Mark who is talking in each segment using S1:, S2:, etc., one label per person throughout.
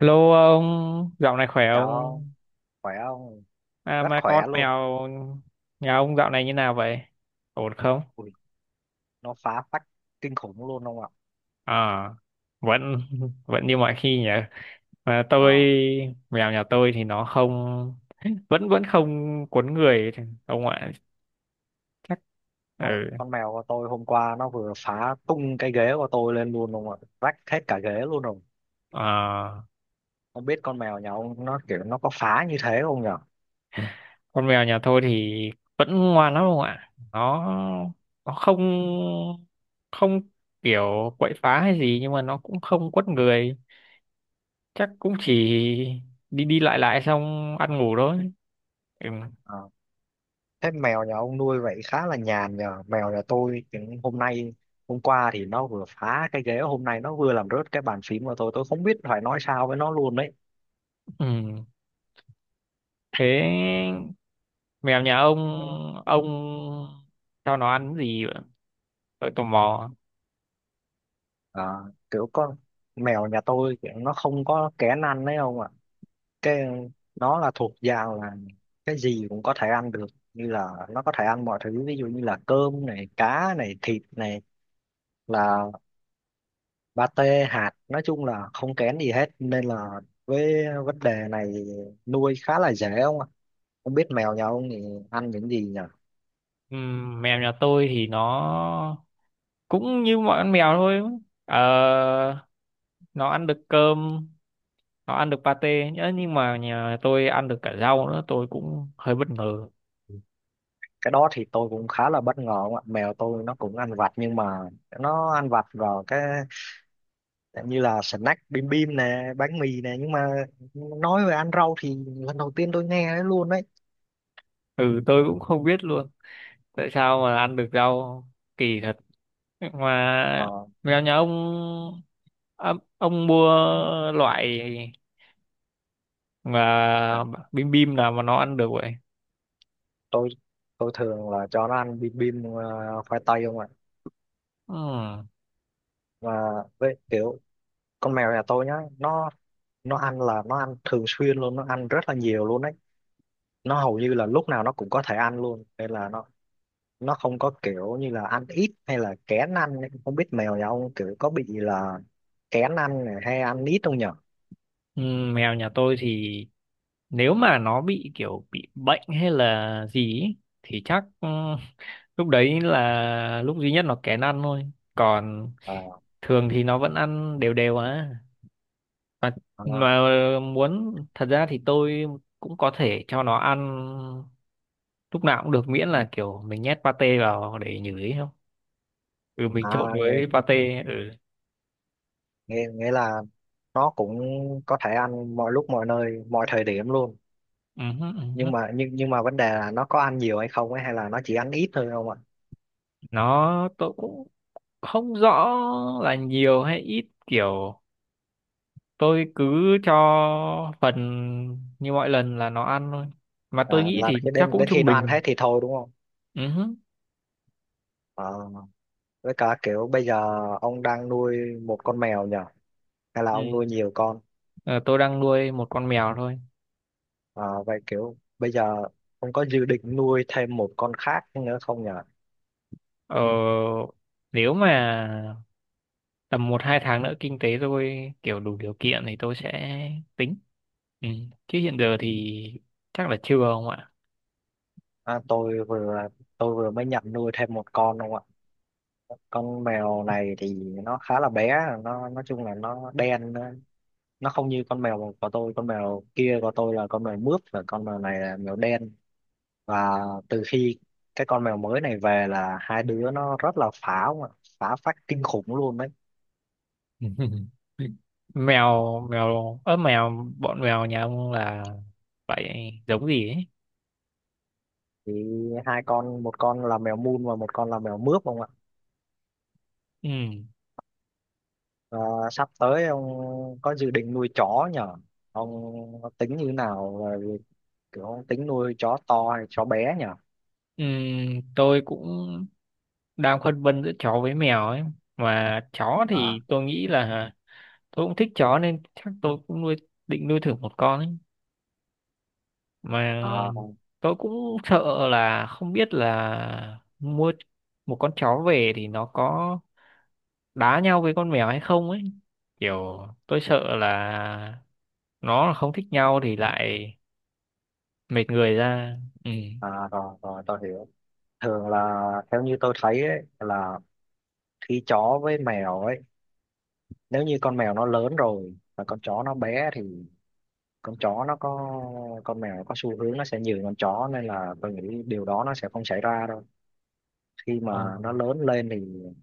S1: Hello ông, dạo này khỏe
S2: Chào ông,
S1: không?
S2: khỏe không?
S1: À
S2: Rất
S1: mà con
S2: khỏe luôn.
S1: mèo nhà ông dạo này như nào vậy? Ổn không?
S2: Ui, nó phá phách kinh khủng luôn ông ạ.
S1: À, vẫn vẫn như mọi khi nhỉ. Mà
S2: Ờ,
S1: mèo nhà tôi thì nó không vẫn vẫn không quấn người ông ạ. Chắc,
S2: con,
S1: ừ.
S2: con mèo của tôi hôm qua nó vừa phá tung cái ghế của tôi lên luôn ông ạ. Rách hết cả ghế luôn rồi.
S1: À,
S2: Không biết con mèo nhà ông nó kiểu nó có phá như thế không nhở?
S1: con mèo nhà tôi thì vẫn ngoan lắm ông ạ. Nó không không kiểu quậy phá hay gì, nhưng mà nó cũng không quấn người. Chắc cũng chỉ đi đi lại lại xong ăn ngủ thôi, ừ.
S2: Ờ, thế mèo nhà ông nuôi vậy khá là nhàn nhờ. Mèo nhà tôi thì hôm qua thì nó vừa phá cái ghế, hôm nay nó vừa làm rớt cái bàn phím của tôi. Tôi không biết phải nói sao với nó luôn đấy.
S1: Ừ, thế mèo nhà ông cho nó ăn gì vậy? Tôi tò mò,
S2: À, kiểu con mèo nhà tôi kiểu nó không có kén ăn đấy không ạ, cái nó là thuộc dạng là cái gì cũng có thể ăn được, như là nó có thể ăn mọi thứ, ví dụ như là cơm này, cá này, thịt này, là pate hạt, nói chung là không kén gì hết nên là với vấn đề này nuôi khá là dễ không ạ. Không biết mèo nhà ông thì ăn những gì nhỉ?
S1: ừ. Mèo nhà tôi thì nó cũng như mọi con mèo thôi. ờ, nó ăn được cơm, nó ăn được pate nhớ, nhưng mà nhà tôi ăn được cả rau nữa, tôi cũng hơi bất ngờ.
S2: Cái đó thì tôi cũng khá là bất ngờ không ạ. Mèo tôi nó cũng ăn vặt nhưng mà nó ăn vặt vào cái như là snack bim bim nè, bánh mì nè, nhưng mà nói về ăn rau thì lần đầu tiên tôi nghe đấy luôn đấy.
S1: Ừ, tôi cũng không biết luôn tại sao mà ăn được rau, kỳ thật.
S2: ờ,
S1: Mà mèo nhà ông, ông mua loại
S2: à,
S1: mà bim bim nào mà nó ăn được vậy?
S2: tôi tôi thường là cho nó ăn bim bim khoai tây không ạ.
S1: Ừm,
S2: Mà với kiểu con mèo nhà tôi nhá, nó nó ăn là nó ăn thường xuyên luôn, nó ăn rất là nhiều luôn đấy. Nó hầu như là lúc nào nó cũng có thể ăn luôn nên là nó không có kiểu như là ăn ít hay là kén ăn ấy. Không biết mèo nhà ông kiểu có bị là kén ăn này hay ăn ít không nhở?
S1: mèo nhà tôi thì nếu mà nó bị kiểu bị bệnh hay là gì ý, thì chắc, lúc đấy là lúc duy nhất nó kén ăn thôi, còn
S2: Ờ,
S1: thường thì nó vẫn ăn đều đều á. mà,
S2: ờ.
S1: mà muốn, thật ra thì tôi cũng có thể cho nó ăn lúc nào cũng được, miễn là kiểu mình nhét pate vào để nhử ấy không, ừ mình trộn
S2: à, nghe
S1: với pate, ừ.
S2: nghe nghĩa là nó cũng có thể ăn mọi lúc mọi nơi mọi thời điểm luôn.
S1: Ừ hứ, ừ hứ.
S2: Nhưng mà vấn đề là nó có ăn nhiều hay không ấy, hay là nó chỉ ăn ít thôi không ạ.
S1: Nó, tôi cũng không rõ là nhiều hay ít, kiểu tôi cứ cho phần như mọi lần là nó ăn thôi, mà tôi
S2: À,
S1: nghĩ
S2: là
S1: thì
S2: khi
S1: chắc
S2: đến
S1: cũng
S2: đến khi
S1: trung
S2: nó ăn
S1: bình,
S2: hết thì thôi đúng không?
S1: ừ hứ.
S2: Ờ, với cả kiểu bây giờ ông đang nuôi một con mèo nhỉ, hay là ông
S1: Ừ.
S2: nuôi nhiều con?
S1: Ờ, tôi đang nuôi một con mèo thôi.
S2: Ờ, vậy kiểu bây giờ ông có dự định nuôi thêm một con khác nữa không nhỉ?
S1: Ờ, nếu mà tầm một hai tháng nữa kinh tế tôi kiểu đủ điều kiện thì tôi sẽ tính, ừ. Chứ hiện giờ thì chắc là chưa không ạ.
S2: À, tôi vừa mới nhận nuôi thêm một con không ạ. Con mèo này thì nó khá là bé, nó nói chung là nó đen, nó không như con mèo của tôi. Con mèo kia của tôi là con mèo mướp và con mèo này là mèo đen. Và từ khi cái con mèo mới này về là hai đứa nó rất là phá ông ạ. Phá phách kinh khủng luôn đấy.
S1: mèo mèo ớ mèo bọn mèo nhà ông là vậy giống gì ấy?
S2: Thì hai con, một con là mèo mun và một con là mèo mướp không ạ.
S1: Ừ.
S2: Và sắp tới ông có dự định nuôi chó nhở? Ông tính như thế nào về việc ông tính nuôi chó to hay chó bé nhở?
S1: Ừ, tôi cũng đang phân vân giữa chó với mèo ấy. Mà chó
S2: à,
S1: thì tôi nghĩ là tôi cũng thích chó, nên chắc tôi cũng nuôi định nuôi thử một con ấy. Mà
S2: à,
S1: tôi cũng sợ là không biết là mua một con chó về thì nó có đá nhau với con mèo hay không ấy, kiểu tôi sợ là nó là không thích nhau thì lại mệt người ra, ừ.
S2: À, rồi, rồi, tôi hiểu. Thường là theo như tôi thấy ấy, là khi chó với mèo ấy, nếu như con mèo nó lớn rồi và con chó nó bé thì con chó nó có con mèo nó có xu hướng nó sẽ nhường con chó, nên là tôi nghĩ điều đó nó sẽ không xảy ra đâu. Khi
S1: Ờ,
S2: mà nó lớn lên thì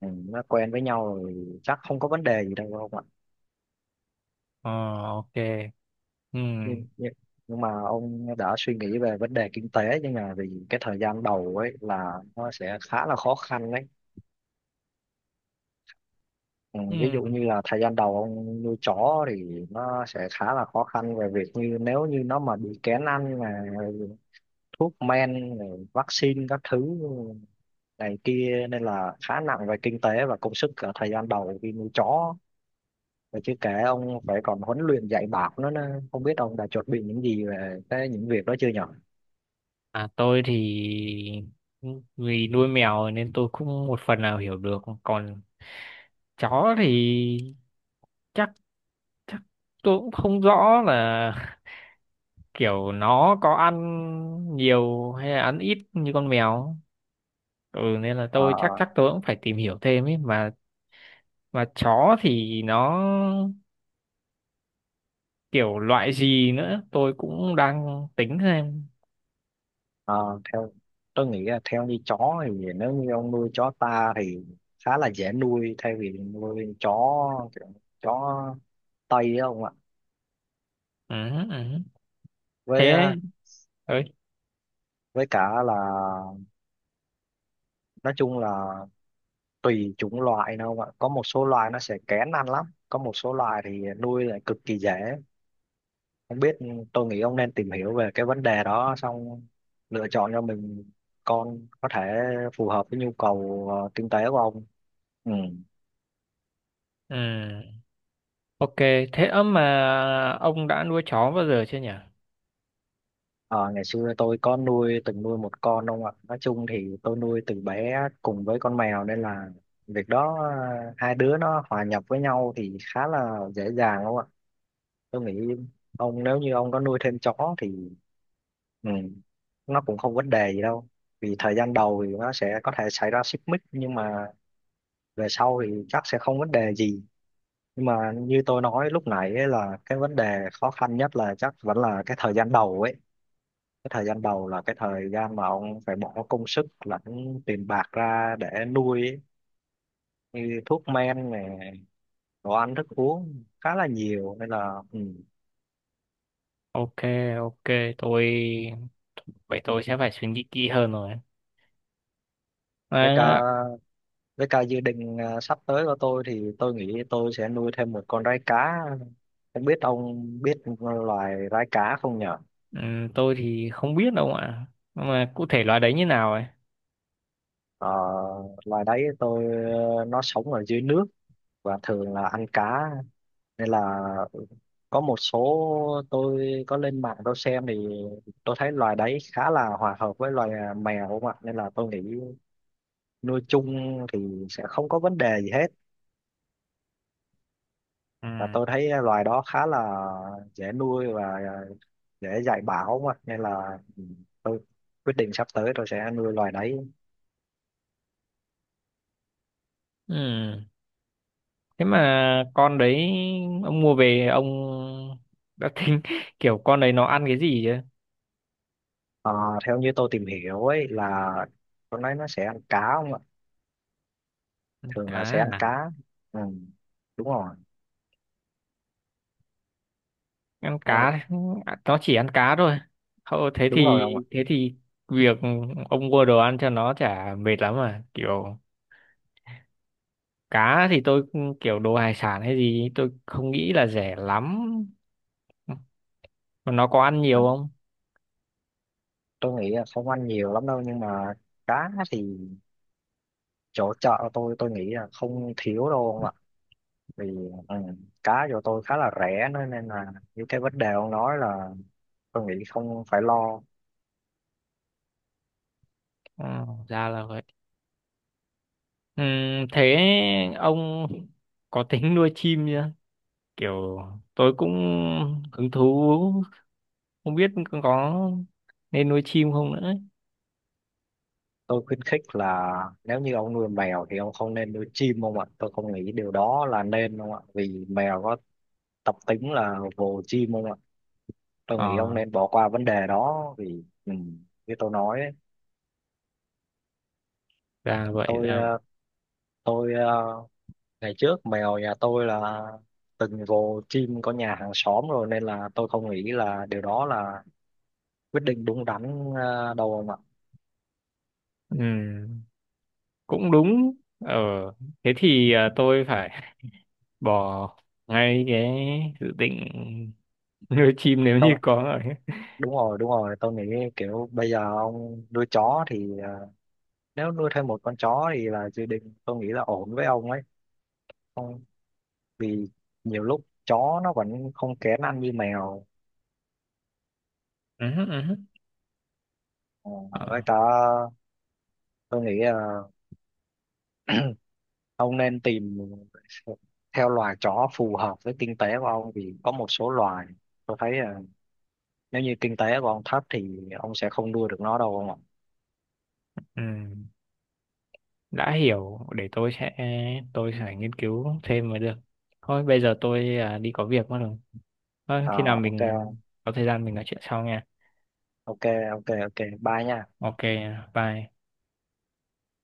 S2: nó quen với nhau rồi chắc không có vấn đề gì đâu không ạ?
S1: ờ, ok, ừ,
S2: Nhưng, nhưng nhưng mà ông đã suy nghĩ về vấn đề kinh tế, nhưng mà vì cái thời gian đầu ấy là nó sẽ khá là khó khăn đấy. Ừ, ví dụ
S1: ừ.
S2: như là thời gian đầu ông nuôi chó thì nó sẽ khá là khó khăn về việc như nếu như nó mà bị kén ăn, mà thuốc men rồi vaccine các thứ này kia nên là khá nặng về kinh tế và công sức ở thời gian đầu khi nuôi chó. Và chứ kể ông phải còn huấn luyện dạy bảo nó nữa, không biết ông đã chuẩn bị những gì về cái những việc đó chưa nhỉ?
S1: À tôi thì vì nuôi mèo nên tôi cũng một phần nào hiểu được, còn chó thì chắc chắc tôi cũng không rõ là kiểu nó có ăn nhiều hay là ăn ít như con mèo, ừ nên là
S2: Ờ,
S1: tôi chắc chắc tôi cũng phải tìm hiểu thêm ấy mà. Mà chó thì nó kiểu loại gì nữa tôi cũng đang tính xem,
S2: Ờ, theo tôi nghĩ là theo như chó thì nếu như ông nuôi chó ta thì khá là dễ nuôi, thay vì nuôi chó kiểu chó Tây á ông ạ.
S1: ừ, ừ.
S2: với
S1: Thế
S2: ờ,
S1: ấy. Ơi,
S2: với cả là nói chung là tùy chủng loại nữa ông ạ. Có một số loài nó sẽ kén ăn lắm, có một số loài thì nuôi lại cực kỳ dễ. Không biết, tôi nghĩ ông nên tìm hiểu về cái vấn đề đó xong lựa chọn cho mình con có thể phù hợp với nhu cầu kinh tế của ông. Ừ.
S1: ừ. Ok, thế ấm mà ông đã nuôi chó bao giờ chưa nhỉ?
S2: Ờ, ngày xưa tôi có nuôi từng nuôi một con ông ạ. Nói chung thì tôi nuôi từ bé cùng với con mèo nên là việc đó hai đứa nó hòa nhập với nhau thì khá là dễ dàng ông ạ. Tôi nghĩ nếu như ông có nuôi thêm chó thì ừ, nó cũng không vấn đề gì đâu. Vì thời gian đầu thì nó sẽ có thể xảy ra xích mích nhưng mà về sau thì chắc sẽ không vấn đề gì. Nhưng mà như tôi nói lúc nãy ấy, là cái vấn đề khó khăn nhất là chắc vẫn là cái thời gian đầu ấy. Cái thời gian đầu là cái thời gian mà ông phải bỏ công sức lẫn tiền bạc ra để nuôi ấy. Như thuốc men này, đồ ăn thức uống khá là nhiều nên là ừ.
S1: Ok, ok, tôi vậy tôi sẽ phải suy nghĩ kỹ hơn rồi.
S2: với cả
S1: À,
S2: với cả dự định sắp tới của tôi thì tôi nghĩ tôi sẽ nuôi thêm một con rái cá. Không biết ông biết loài rái cá không nhở?
S1: ừ, tôi thì không biết đâu ạ, nhưng mà cụ thể loài đấy như nào ấy?
S2: Ờ, loài đấy tôi nó sống ở dưới nước và thường là ăn cá, nên là có một số, tôi có lên mạng tôi xem thì tôi thấy loài đấy khá là hòa hợp với loài mèo không ạ, nên là tôi nghĩ nuôi chung thì sẽ không có vấn đề gì hết.
S1: Ừ.
S2: Và tôi thấy loài đó khá là dễ nuôi và dễ dạy bảo không ạ, nên là tôi quyết định sắp tới tôi sẽ nuôi loài đấy.
S1: Ừ. Thế mà con đấy ông mua về, ông đã tính kiểu con đấy nó ăn cái gì chứ?
S2: Ờ, theo như tôi tìm hiểu ấy là con đấy nó sẽ ăn cá không ạ. Thường là sẽ
S1: Cá
S2: ăn
S1: à?
S2: cá. Ừ, đúng rồi.
S1: Ăn
S2: Ờ,
S1: cá, nó chỉ ăn cá thôi. Thôi thế
S2: đúng rồi
S1: thì
S2: không
S1: thế thì việc ông mua đồ ăn cho nó chả mệt lắm à? Kiểu cá thì tôi kiểu đồ hải sản hay gì tôi không nghĩ là rẻ lắm. Mà nó có ăn
S2: ạ.
S1: nhiều không?
S2: Tôi nghĩ là không ăn nhiều lắm đâu, nhưng mà cá thì chỗ chợ tôi nghĩ là không thiếu đâu ông ạ. Vì ừ, cá chỗ tôi khá là rẻ nữa nên là những cái vấn đề ông nói là tôi nghĩ không phải lo.
S1: Ừ, ra là vậy. Ừ, thế ông có tính nuôi chim chưa? Kiểu tôi cũng hứng thú, không biết có nên nuôi chim không nữa ấy.
S2: Tôi khuyến khích là nếu như ông nuôi mèo thì ông không nên nuôi chim ông ạ. Tôi không nghĩ điều đó là nên ông ạ, vì mèo có tập tính là vồ chim ông ạ. Tôi nghĩ
S1: Ờ,
S2: ông nên bỏ qua vấn đề đó vì như tôi nói ấy,
S1: ra vậy,
S2: tôi
S1: ra vậy.
S2: ờ, tôi ờ, ngày trước mèo nhà tôi là từng vồ chim có nhà hàng xóm rồi, nên là tôi không nghĩ là điều đó là quyết định đúng đắn đâu ông ạ.
S1: Ừ, cũng đúng. Ờ thế thì, tôi phải bỏ ngay cái dự định nuôi chim nếu như
S2: tôi
S1: có rồi.
S2: Đúng rồi, đúng rồi, tôi nghĩ kiểu bây giờ ông nuôi chó thì nếu nuôi thêm một con chó thì là dự định tôi nghĩ là ổn với ông ấy không, vì nhiều lúc chó nó vẫn không kén ăn như mèo.
S1: Ừ, ừ,
S2: Ờ,
S1: ờ,
S2: với cả tôi nghĩ là ông nên tìm theo loài chó phù hợp với kinh tế của ông, vì có một số loài tôi thấy nếu như kinh tế của ông thấp thì ông sẽ không nuôi được nó đâu ông ạ.
S1: ừ, đã hiểu, để tôi sẽ nghiên cứu thêm mới được. Thôi bây giờ tôi đi có việc mất rồi. Thôi
S2: Ờ,
S1: khi nào
S2: ok
S1: mình
S2: ông.
S1: có thời gian mình nói chuyện sau nha.
S2: Ok ok Ok, bye nha.
S1: Ok, bye.